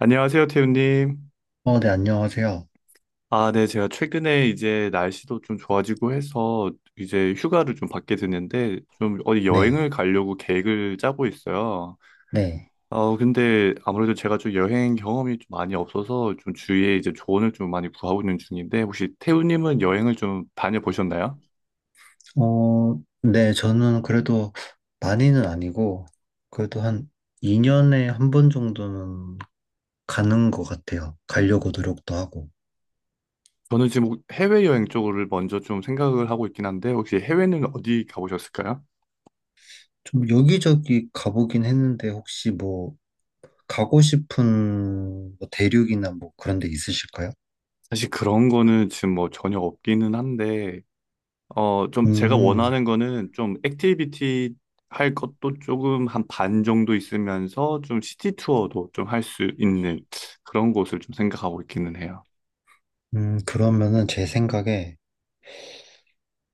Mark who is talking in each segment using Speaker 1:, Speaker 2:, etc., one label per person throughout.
Speaker 1: 안녕하세요, 태우님.
Speaker 2: 어, 네, 안녕하세요.
Speaker 1: 아, 네, 제가 최근에 이제 날씨도 좀 좋아지고 해서 이제 휴가를 좀 받게 됐는데 좀 어디
Speaker 2: 네.
Speaker 1: 여행을 가려고 계획을 짜고 있어요.
Speaker 2: 네.
Speaker 1: 근데 아무래도 제가 좀 여행 경험이 좀 많이 없어서 좀 주위에 이제 조언을 좀 많이 구하고 있는 중인데 혹시 태우님은 여행을 좀 다녀보셨나요?
Speaker 2: 어, 네, 저는 그래도 많이는 아니고, 그래도 한 2년에 한 번 정도는 가는 것 같아요. 가려고 노력도 하고.
Speaker 1: 저는 지금 해외여행 쪽을 먼저 좀 생각을 하고 있긴 한데 혹시 해외는 어디 가보셨을까요?
Speaker 2: 좀 여기저기 가보긴 했는데, 혹시 뭐, 가고 싶은 뭐 대륙이나 뭐 그런 데 있으실까요?
Speaker 1: 사실 그런 거는 지금 뭐 전혀 없기는 한데 좀 제가
Speaker 2: 음,
Speaker 1: 원하는 거는 좀 액티비티 할 것도 조금 한 반 정도 있으면서 좀 시티 투어도 좀 할 수 있는 그런 곳을 좀 생각하고 있기는 해요.
Speaker 2: 그러면은 제 생각에,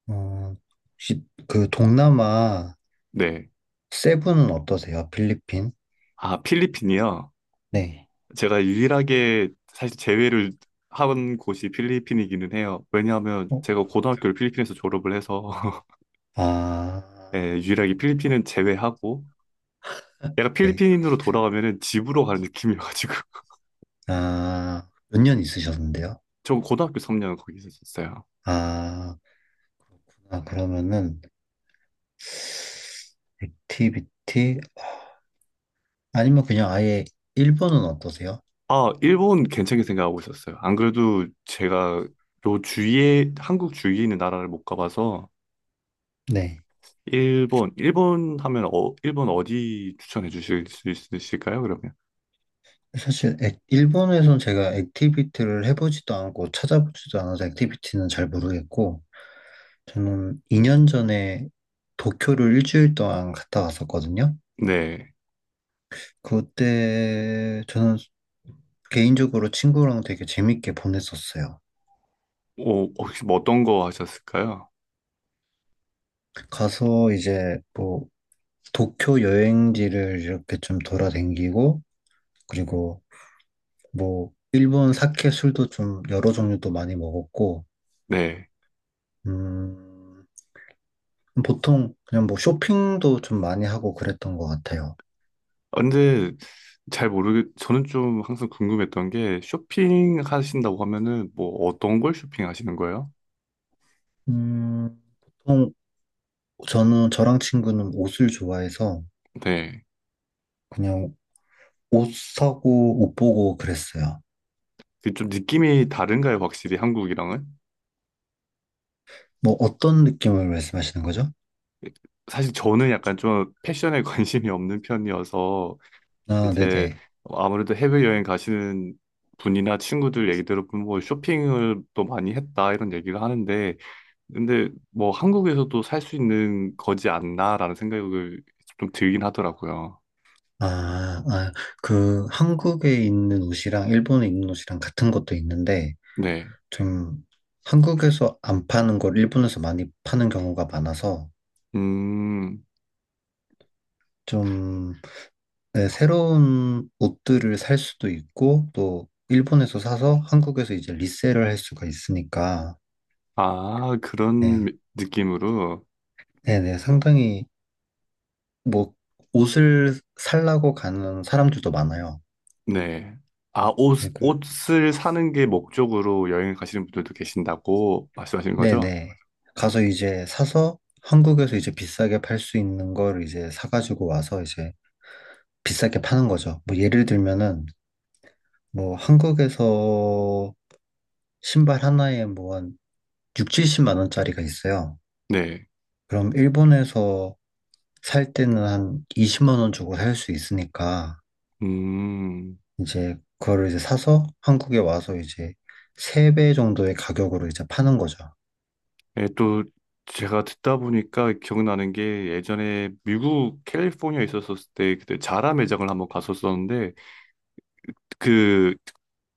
Speaker 2: 어, 혹시 그 동남아
Speaker 1: 네.
Speaker 2: 세부는 어떠세요? 필리핀?
Speaker 1: 아, 필리핀이요.
Speaker 2: 네.
Speaker 1: 제가 유일하게 사실 제외를 한 곳이 필리핀이기는 해요. 왜냐하면
Speaker 2: 어?
Speaker 1: 제가 고등학교를 필리핀에서 졸업을 해서
Speaker 2: 아.
Speaker 1: 예, 유일하게 필리핀은 제외하고 약간
Speaker 2: 네.
Speaker 1: 필리핀으로 돌아가면은 집으로 가는 느낌이어가지고
Speaker 2: 아, 몇 년 있으셨는데요?
Speaker 1: 저 고등학교 3년 거기 있었어요.
Speaker 2: 아, 그러면은, 액티비티, 아니면 그냥 아예 일본은 어떠세요?
Speaker 1: 아, 일본 괜찮게 생각하고 있었어요. 안 그래도 제가 요 주위에, 한국 주위에 있는 나라를 못 가봐서,
Speaker 2: 네.
Speaker 1: 일본 하면, 일본 어디 추천해 주실 수 있으실까요, 그러면?
Speaker 2: 사실, 일본에선 제가 액티비티를 해보지도 않고 찾아보지도 않아서 액티비티는 잘 모르겠고, 저는 2년 전에 도쿄를 일주일 동안 갔다 왔었거든요.
Speaker 1: 네.
Speaker 2: 그때 저는 개인적으로 친구랑 되게 재밌게 보냈었어요.
Speaker 1: 혹시 뭐 어떤 거 하셨을까요?
Speaker 2: 가서 이제 뭐 도쿄 여행지를 이렇게 좀 돌아다니고, 그리고 뭐, 일본 사케 술도 좀 여러 종류도 많이 먹었고,
Speaker 1: 네.
Speaker 2: 음, 보통 그냥 뭐 쇼핑도 좀 많이 하고 그랬던 것 같아요.
Speaker 1: 아, 근데 저는 좀 항상 궁금했던 게, 쇼핑 하신다고 하면은, 뭐 어떤 걸 쇼핑 하시는 거예요?
Speaker 2: 음, 보통 저는 저랑 친구는 옷을 좋아해서
Speaker 1: 네.
Speaker 2: 그냥 옷 사고 옷 보고 그랬어요.
Speaker 1: 그좀 느낌이 다른가요, 확실히 한국이랑은?
Speaker 2: 뭐 어떤 느낌을 말씀하시는 거죠?
Speaker 1: 사실 저는 약간 좀 패션에 관심이 없는 편이어서
Speaker 2: 아,
Speaker 1: 이제
Speaker 2: 네네.
Speaker 1: 아무래도 해외여행 가시는 분이나 친구들 얘기 들어보면 뭐 쇼핑을 또 많이 했다 이런 얘기를 하는데 근데 뭐 한국에서도 살 수 있는 거지 않나라는 생각을 좀 들긴 하더라고요.
Speaker 2: 아, 아, 그 한국에 있는 옷이랑 일본에 있는 옷이랑 같은 것도 있는데,
Speaker 1: 네.
Speaker 2: 좀 한국에서 안 파는 걸 일본에서 많이 파는 경우가 많아서
Speaker 1: 음.
Speaker 2: 좀 네, 새로운 옷들을 살 수도 있고 또 일본에서 사서 한국에서 이제 리셀을 할 수가 있으니까
Speaker 1: 아,
Speaker 2: 네,
Speaker 1: 그런 느낌으로.
Speaker 2: 네, 네, 상당히 뭐 옷을 살라고 가는 사람들도 많아요.
Speaker 1: 네. 아, 옷,
Speaker 2: 네,
Speaker 1: 옷을 사는 게 목적으로 여행 을 가시는 분들도 계신다고 말씀하신
Speaker 2: 네.
Speaker 1: 거죠?
Speaker 2: 네. 가서 이제 사서 한국에서 이제 비싸게 팔 수 있는 걸 이제 사가지고 와서 이제 비싸게 파는 거죠. 뭐 예를 들면은 뭐 한국에서 신발 하나에 뭐 한 6, 70만 원짜리가 있어요.
Speaker 1: 네.
Speaker 2: 그럼 일본에서 살 때는 한 20만 원 주고 살 수 있으니까
Speaker 1: 음,
Speaker 2: 이제 그거를 이제 사서 한국에 와서 이제 3배 정도의 가격으로 이제 파는 거죠.
Speaker 1: 예, 또 제가 듣다 보니까 기억나는 게 예전에 미국 캘리포니아에 있었을 때 그때 자라 매장을 한번 갔었었는데 그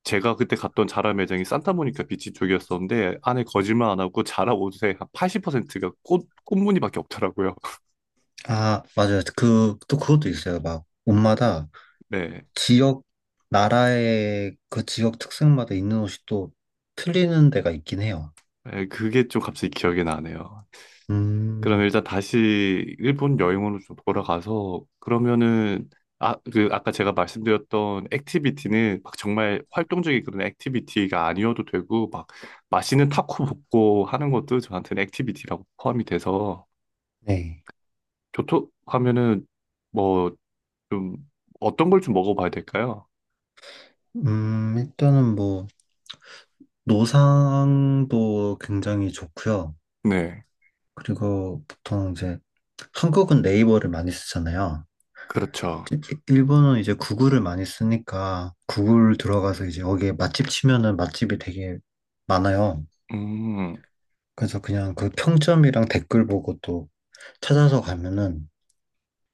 Speaker 1: 제가 그때 갔던 자라 매장이 산타모니카 비치 쪽이었었는데 안에 거짓말 안 하고 자라 옷의 한 80%가 꽃무늬밖에 없더라고요.
Speaker 2: 아, 맞아요. 그, 또 그것도 있어요. 막 옷마다
Speaker 1: 네.
Speaker 2: 지역, 나라의 그 지역 특색마다 있는 옷이 또 틀리는 데가 있긴 해요.
Speaker 1: 예, 그게 좀 갑자기 기억이 나네요. 그럼
Speaker 2: 음,
Speaker 1: 일단 다시 일본 여행으로 좀 돌아가서 그러면은 아, 그 아까 제가 말씀드렸던 액티비티는 막 정말 활동적인 그런 액티비티가 아니어도 되고 막 맛있는 타코 먹고 하는 것도 저한테는 액티비티라고 포함이 돼서
Speaker 2: 네.
Speaker 1: 교토 하면은 뭐 좀 어떤 걸 좀 먹어봐야 될까요?
Speaker 2: 일단은 뭐 노상도 굉장히 좋고요.
Speaker 1: 네,
Speaker 2: 그리고 보통 이제 한국은 네이버를 많이 쓰잖아요.
Speaker 1: 그렇죠.
Speaker 2: 일- 일본은 이제 구글을 많이 쓰니까 구글 들어가서 이제 여기에 맛집 치면은 맛집이 되게 많아요.
Speaker 1: 음.
Speaker 2: 그래서 그냥 그 평점이랑 댓글 보고 또 찾아서 가면은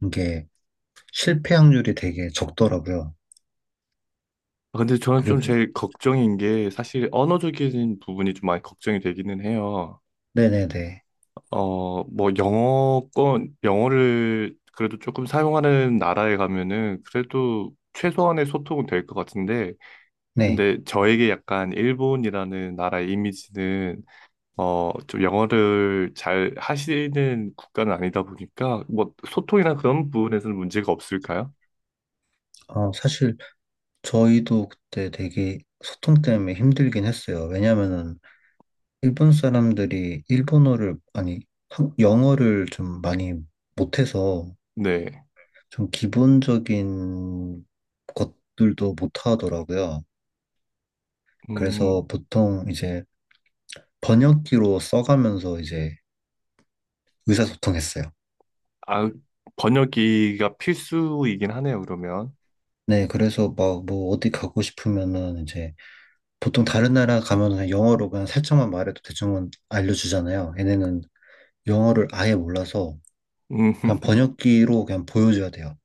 Speaker 2: 이게 실패 확률이 되게 적더라고요.
Speaker 1: 아, 근데 저는 좀
Speaker 2: 그리고
Speaker 1: 제일 걱정인 게 사실 언어적인 부분이 좀 많이 걱정이 되기는 해요.
Speaker 2: 네네네.
Speaker 1: 뭐, 영어를 그래도 조금 사용하는 나라에 가면은 그래도 최소한의 소통은 될 것 같은데,
Speaker 2: 네.
Speaker 1: 근데 저에게 약간 일본이라는 나라의 이미지는, 좀 영어를 잘 하시는 국가는 아니다 보니까, 뭐, 소통이나 그런 부분에서는 문제가 없을까요?
Speaker 2: 어, 사실 저희도 그때 되게 소통 때문에 힘들긴 했어요. 왜냐면은 일본 사람들이 일본어를, 아니, 영어를 좀 많이 못해서
Speaker 1: 네.
Speaker 2: 좀 기본적인 것들도 못하더라고요.
Speaker 1: 음,
Speaker 2: 그래서 보통 이제 번역기로 써가면서 이제 의사소통했어요.
Speaker 1: 아, 번역기가 필수이긴 하네요, 그러면.
Speaker 2: 네, 그래서 막 뭐 어디 가고 싶으면은 이제 보통 다른 나라 가면은 그냥 영어로 그냥 살짝만 말해도 대충은 알려주잖아요. 얘네는 영어를 아예 몰라서
Speaker 1: 음,
Speaker 2: 그냥 번역기로 그냥 보여줘야 돼요.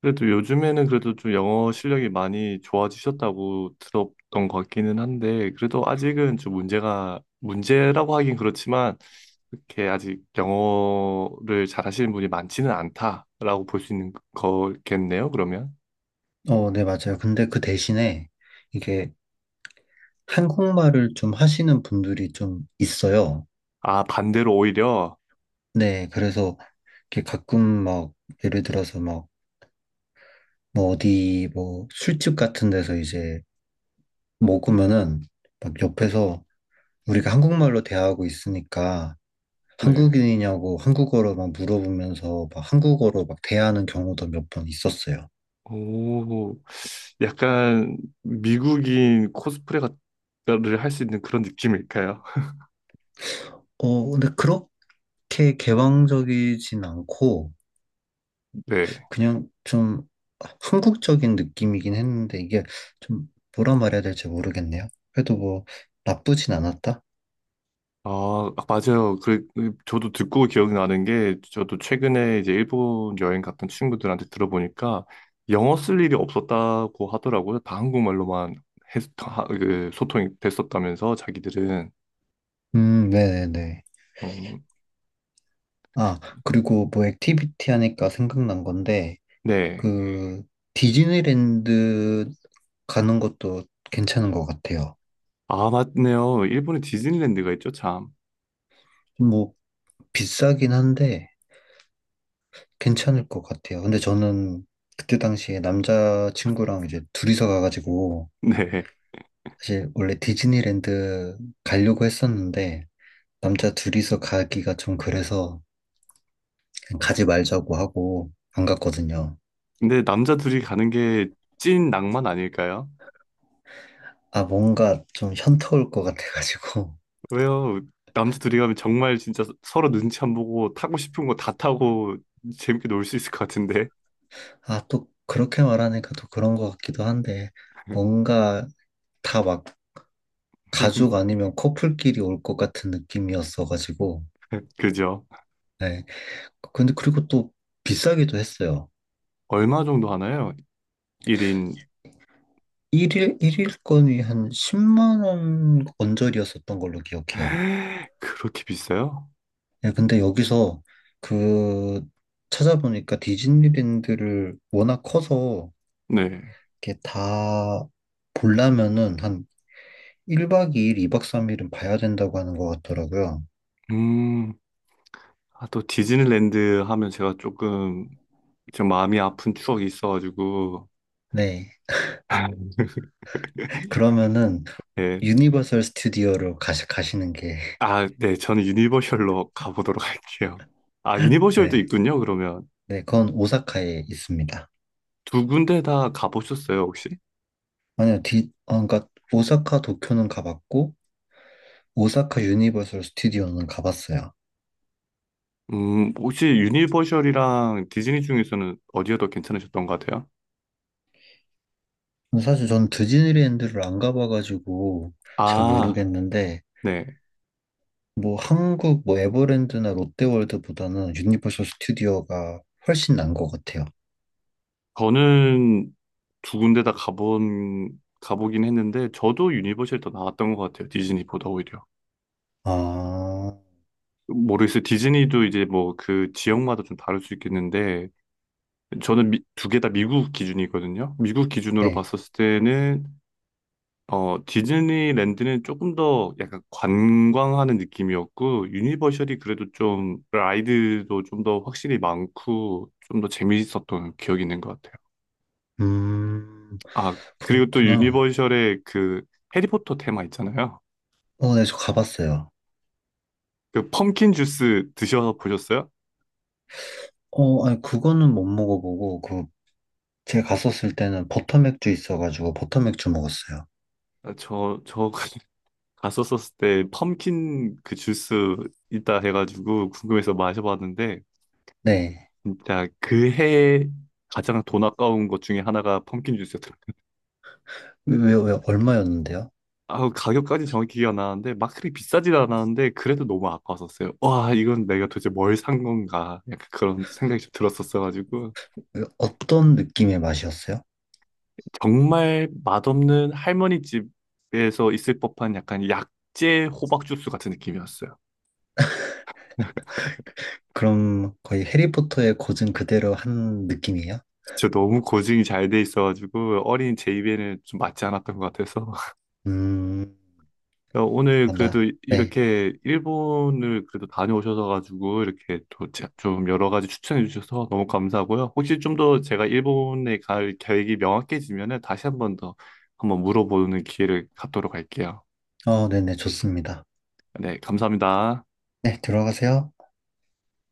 Speaker 1: 그래도 요즘에는 그래도 좀 영어 실력이 많이 좋아지셨다고 들었던 것 같기는 한데, 그래도 아직은 좀 문제가, 문제라고 하긴 그렇지만, 그렇게 아직 영어를 잘하시는 분이 많지는 않다라고 볼 수 있는 거겠네요, 그러면.
Speaker 2: 어, 네, 맞아요. 근데 그 대신에 이게 한국말을 좀 하시는 분들이 좀 있어요.
Speaker 1: 아, 반대로 오히려,
Speaker 2: 네, 그래서 이렇게 가끔 막 예를 들어서 막 뭐 어디 뭐 술집 같은 데서 이제 먹으면은 막 옆에서 우리가 한국말로 대하고 있으니까
Speaker 1: 네.
Speaker 2: 한국인이냐고 한국어로 막 물어보면서 막 한국어로 막 대하는 경우도 몇 번 있었어요.
Speaker 1: 오, 약간 미국인 코스프레를 할 수 있는 그런 느낌일까요?
Speaker 2: 어, 근데 그렇게 개방적이진 않고
Speaker 1: 네.
Speaker 2: 그냥 좀 한국적인 느낌이긴 했는데 이게 좀 뭐라 말해야 될지 모르겠네요. 그래도 뭐 나쁘진 않았다.
Speaker 1: 아, 맞아요. 그 저도 듣고 기억나는 게, 저도 최근에 이제 일본 여행 갔던 친구들한테 들어보니까, 영어 쓸 일이 없었다고 하더라고요. 다 한국말로만 그 소통이 됐었다면서, 자기들은.
Speaker 2: 네네네.
Speaker 1: 음,
Speaker 2: 아, 그리고 뭐 액티비티 하니까 생각난 건데
Speaker 1: 네.
Speaker 2: 그 디즈니랜드 가는 것도 괜찮은 것 같아요.
Speaker 1: 아, 맞네요. 일본에 디즈니랜드가 있죠, 참.
Speaker 2: 뭐 비싸긴 한데 괜찮을 것 같아요. 근데 저는 그때 당시에 남자친구랑 이제 둘이서 가가지고
Speaker 1: 네.
Speaker 2: 사실 원래 디즈니랜드 가려고 했었는데 남자 둘이서 가기가 좀 그래서 그냥 가지 말자고 하고 안 갔거든요.
Speaker 1: 근데 남자 둘이 가는 게 찐 낭만 아닐까요?
Speaker 2: 아, 뭔가 좀 현타 올 것 같아가지고.
Speaker 1: 왜요? 남자 둘이 가면 정말 진짜 서로 눈치 안 보고 타고 싶은 거 다 타고 재밌게 놀 수 있을 것 같은데.
Speaker 2: 아, 또 그렇게 말하니까 또 그런 것 같기도 한데, 뭔가 다 막 가족 아니면 커플끼리 올 것 같은 느낌이었어가지고.
Speaker 1: 그죠?
Speaker 2: 네. 근데 그리고 또 비싸기도 했어요.
Speaker 1: 얼마 정도 하나요? 1인
Speaker 2: 일일일일건이한 10만 원 언저리였었던 걸로 기억해요.
Speaker 1: 그렇게 비싸요?
Speaker 2: 예, 근데 여기서 그 찾아보니까 디즈니랜드를 워낙 커서
Speaker 1: 네.
Speaker 2: 이렇게 다 보려면은 한 1박 2일, 2박 3일은 봐야 된다고 하는 것 같더라고요.
Speaker 1: 음, 아, 또 디즈니랜드 하면 제가 조금 좀 마음이 아픈 추억이 있어가지고
Speaker 2: 네. 그러면은
Speaker 1: 네.
Speaker 2: 유니버설 스튜디오로 가시는 게,
Speaker 1: 아, 네. 저는 유니버셜로 가보도록 할게요. 아, 유니버셜도
Speaker 2: 네.
Speaker 1: 있군요. 그러면
Speaker 2: 네, 그건 오사카에 있습니다.
Speaker 1: 두 군데 다 가보셨어요, 혹시?
Speaker 2: 아니요, 아, 그러니까 오사카 도쿄는 가봤고, 오사카 유니버설 스튜디오는 가봤어요.
Speaker 1: 혹시 유니버셜이랑 디즈니 중에서는 어디가 더 괜찮으셨던 것 같아요?
Speaker 2: 사실 전 디즈니랜드를 안 가봐가지고 잘
Speaker 1: 아,
Speaker 2: 모르겠는데,
Speaker 1: 네.
Speaker 2: 뭐 한국 뭐 에버랜드나 롯데월드보다는 유니버설 스튜디오가 훨씬 난 것 같아요.
Speaker 1: 저는 두 군데 다 가보긴 했는데, 저도 유니버셜 더 나왔던 것 같아요. 디즈니보다 오히려.
Speaker 2: 아,
Speaker 1: 모르겠어요. 디즈니도 이제 뭐 그 지역마다 좀 다를 수 있겠는데, 저는 두 개 다 미국 기준이거든요. 미국 기준으로
Speaker 2: 네.
Speaker 1: 봤었을 때는, 디즈니랜드는 조금 더 약간 관광하는 느낌이었고, 유니버셜이 그래도 좀 라이드도 좀 더 확실히 많고, 좀 더 재미있었던 기억이 있는 것 같아요.
Speaker 2: 음,
Speaker 1: 아, 그리고 또
Speaker 2: 그렇구나.
Speaker 1: 유니버셜의 그 해리포터 테마 있잖아요.
Speaker 2: 어, 네, 저 가봤어요.
Speaker 1: 그 펌킨 주스 드셔서 보셨어요?
Speaker 2: 어, 아니, 그거는 못 먹어보고, 그, 제가 갔었을 때는 버터맥주 있어가지고 버터맥주 먹었어요.
Speaker 1: 아, 저 갔었었을 때 펌킨 그 주스 있다 해가지고 궁금해서 마셔봤는데
Speaker 2: 네.
Speaker 1: 진짜 그 해에 가장 돈 아까운 것 중에 하나가 펌킨 주스였더라고요.
Speaker 2: 왜, 얼마였는데요?
Speaker 1: 아, 가격까지 정확히 기억 안 나는데 막 그리 비싸진 않았는데 그래도 너무 아까웠었어요. 와, 이건 내가 도대체 뭘 산 건가? 약간 그런 생각이 좀 들었었어가지고
Speaker 2: 왜, 어떤 느낌의 맛이었어요?
Speaker 1: 정말 맛없는 할머니 집에서 있을 법한 약간 약재 호박 주스 같은 느낌이었어요.
Speaker 2: 그럼 거의 해리포터의 고증 그대로 한 느낌이에요?
Speaker 1: 진짜 너무 고증이 잘 돼 있어가지고 어린 제 입에는 좀 맞지 않았던 것 같아서
Speaker 2: 음,
Speaker 1: 야, 오늘
Speaker 2: 아,
Speaker 1: 그래도
Speaker 2: 나, 네.
Speaker 1: 이렇게 일본을 그래도 다녀오셔서 가지고 이렇게 또 좀 여러 가지 추천해 주셔서 너무 감사하고요. 혹시 좀 더 제가 일본에 갈 계획이 명확해지면은 다시 한 번 더 한번 물어보는 기회를 갖도록 할게요.
Speaker 2: 어, 네네, 좋습니다.
Speaker 1: 네, 감사합니다.
Speaker 2: 네, 들어가세요.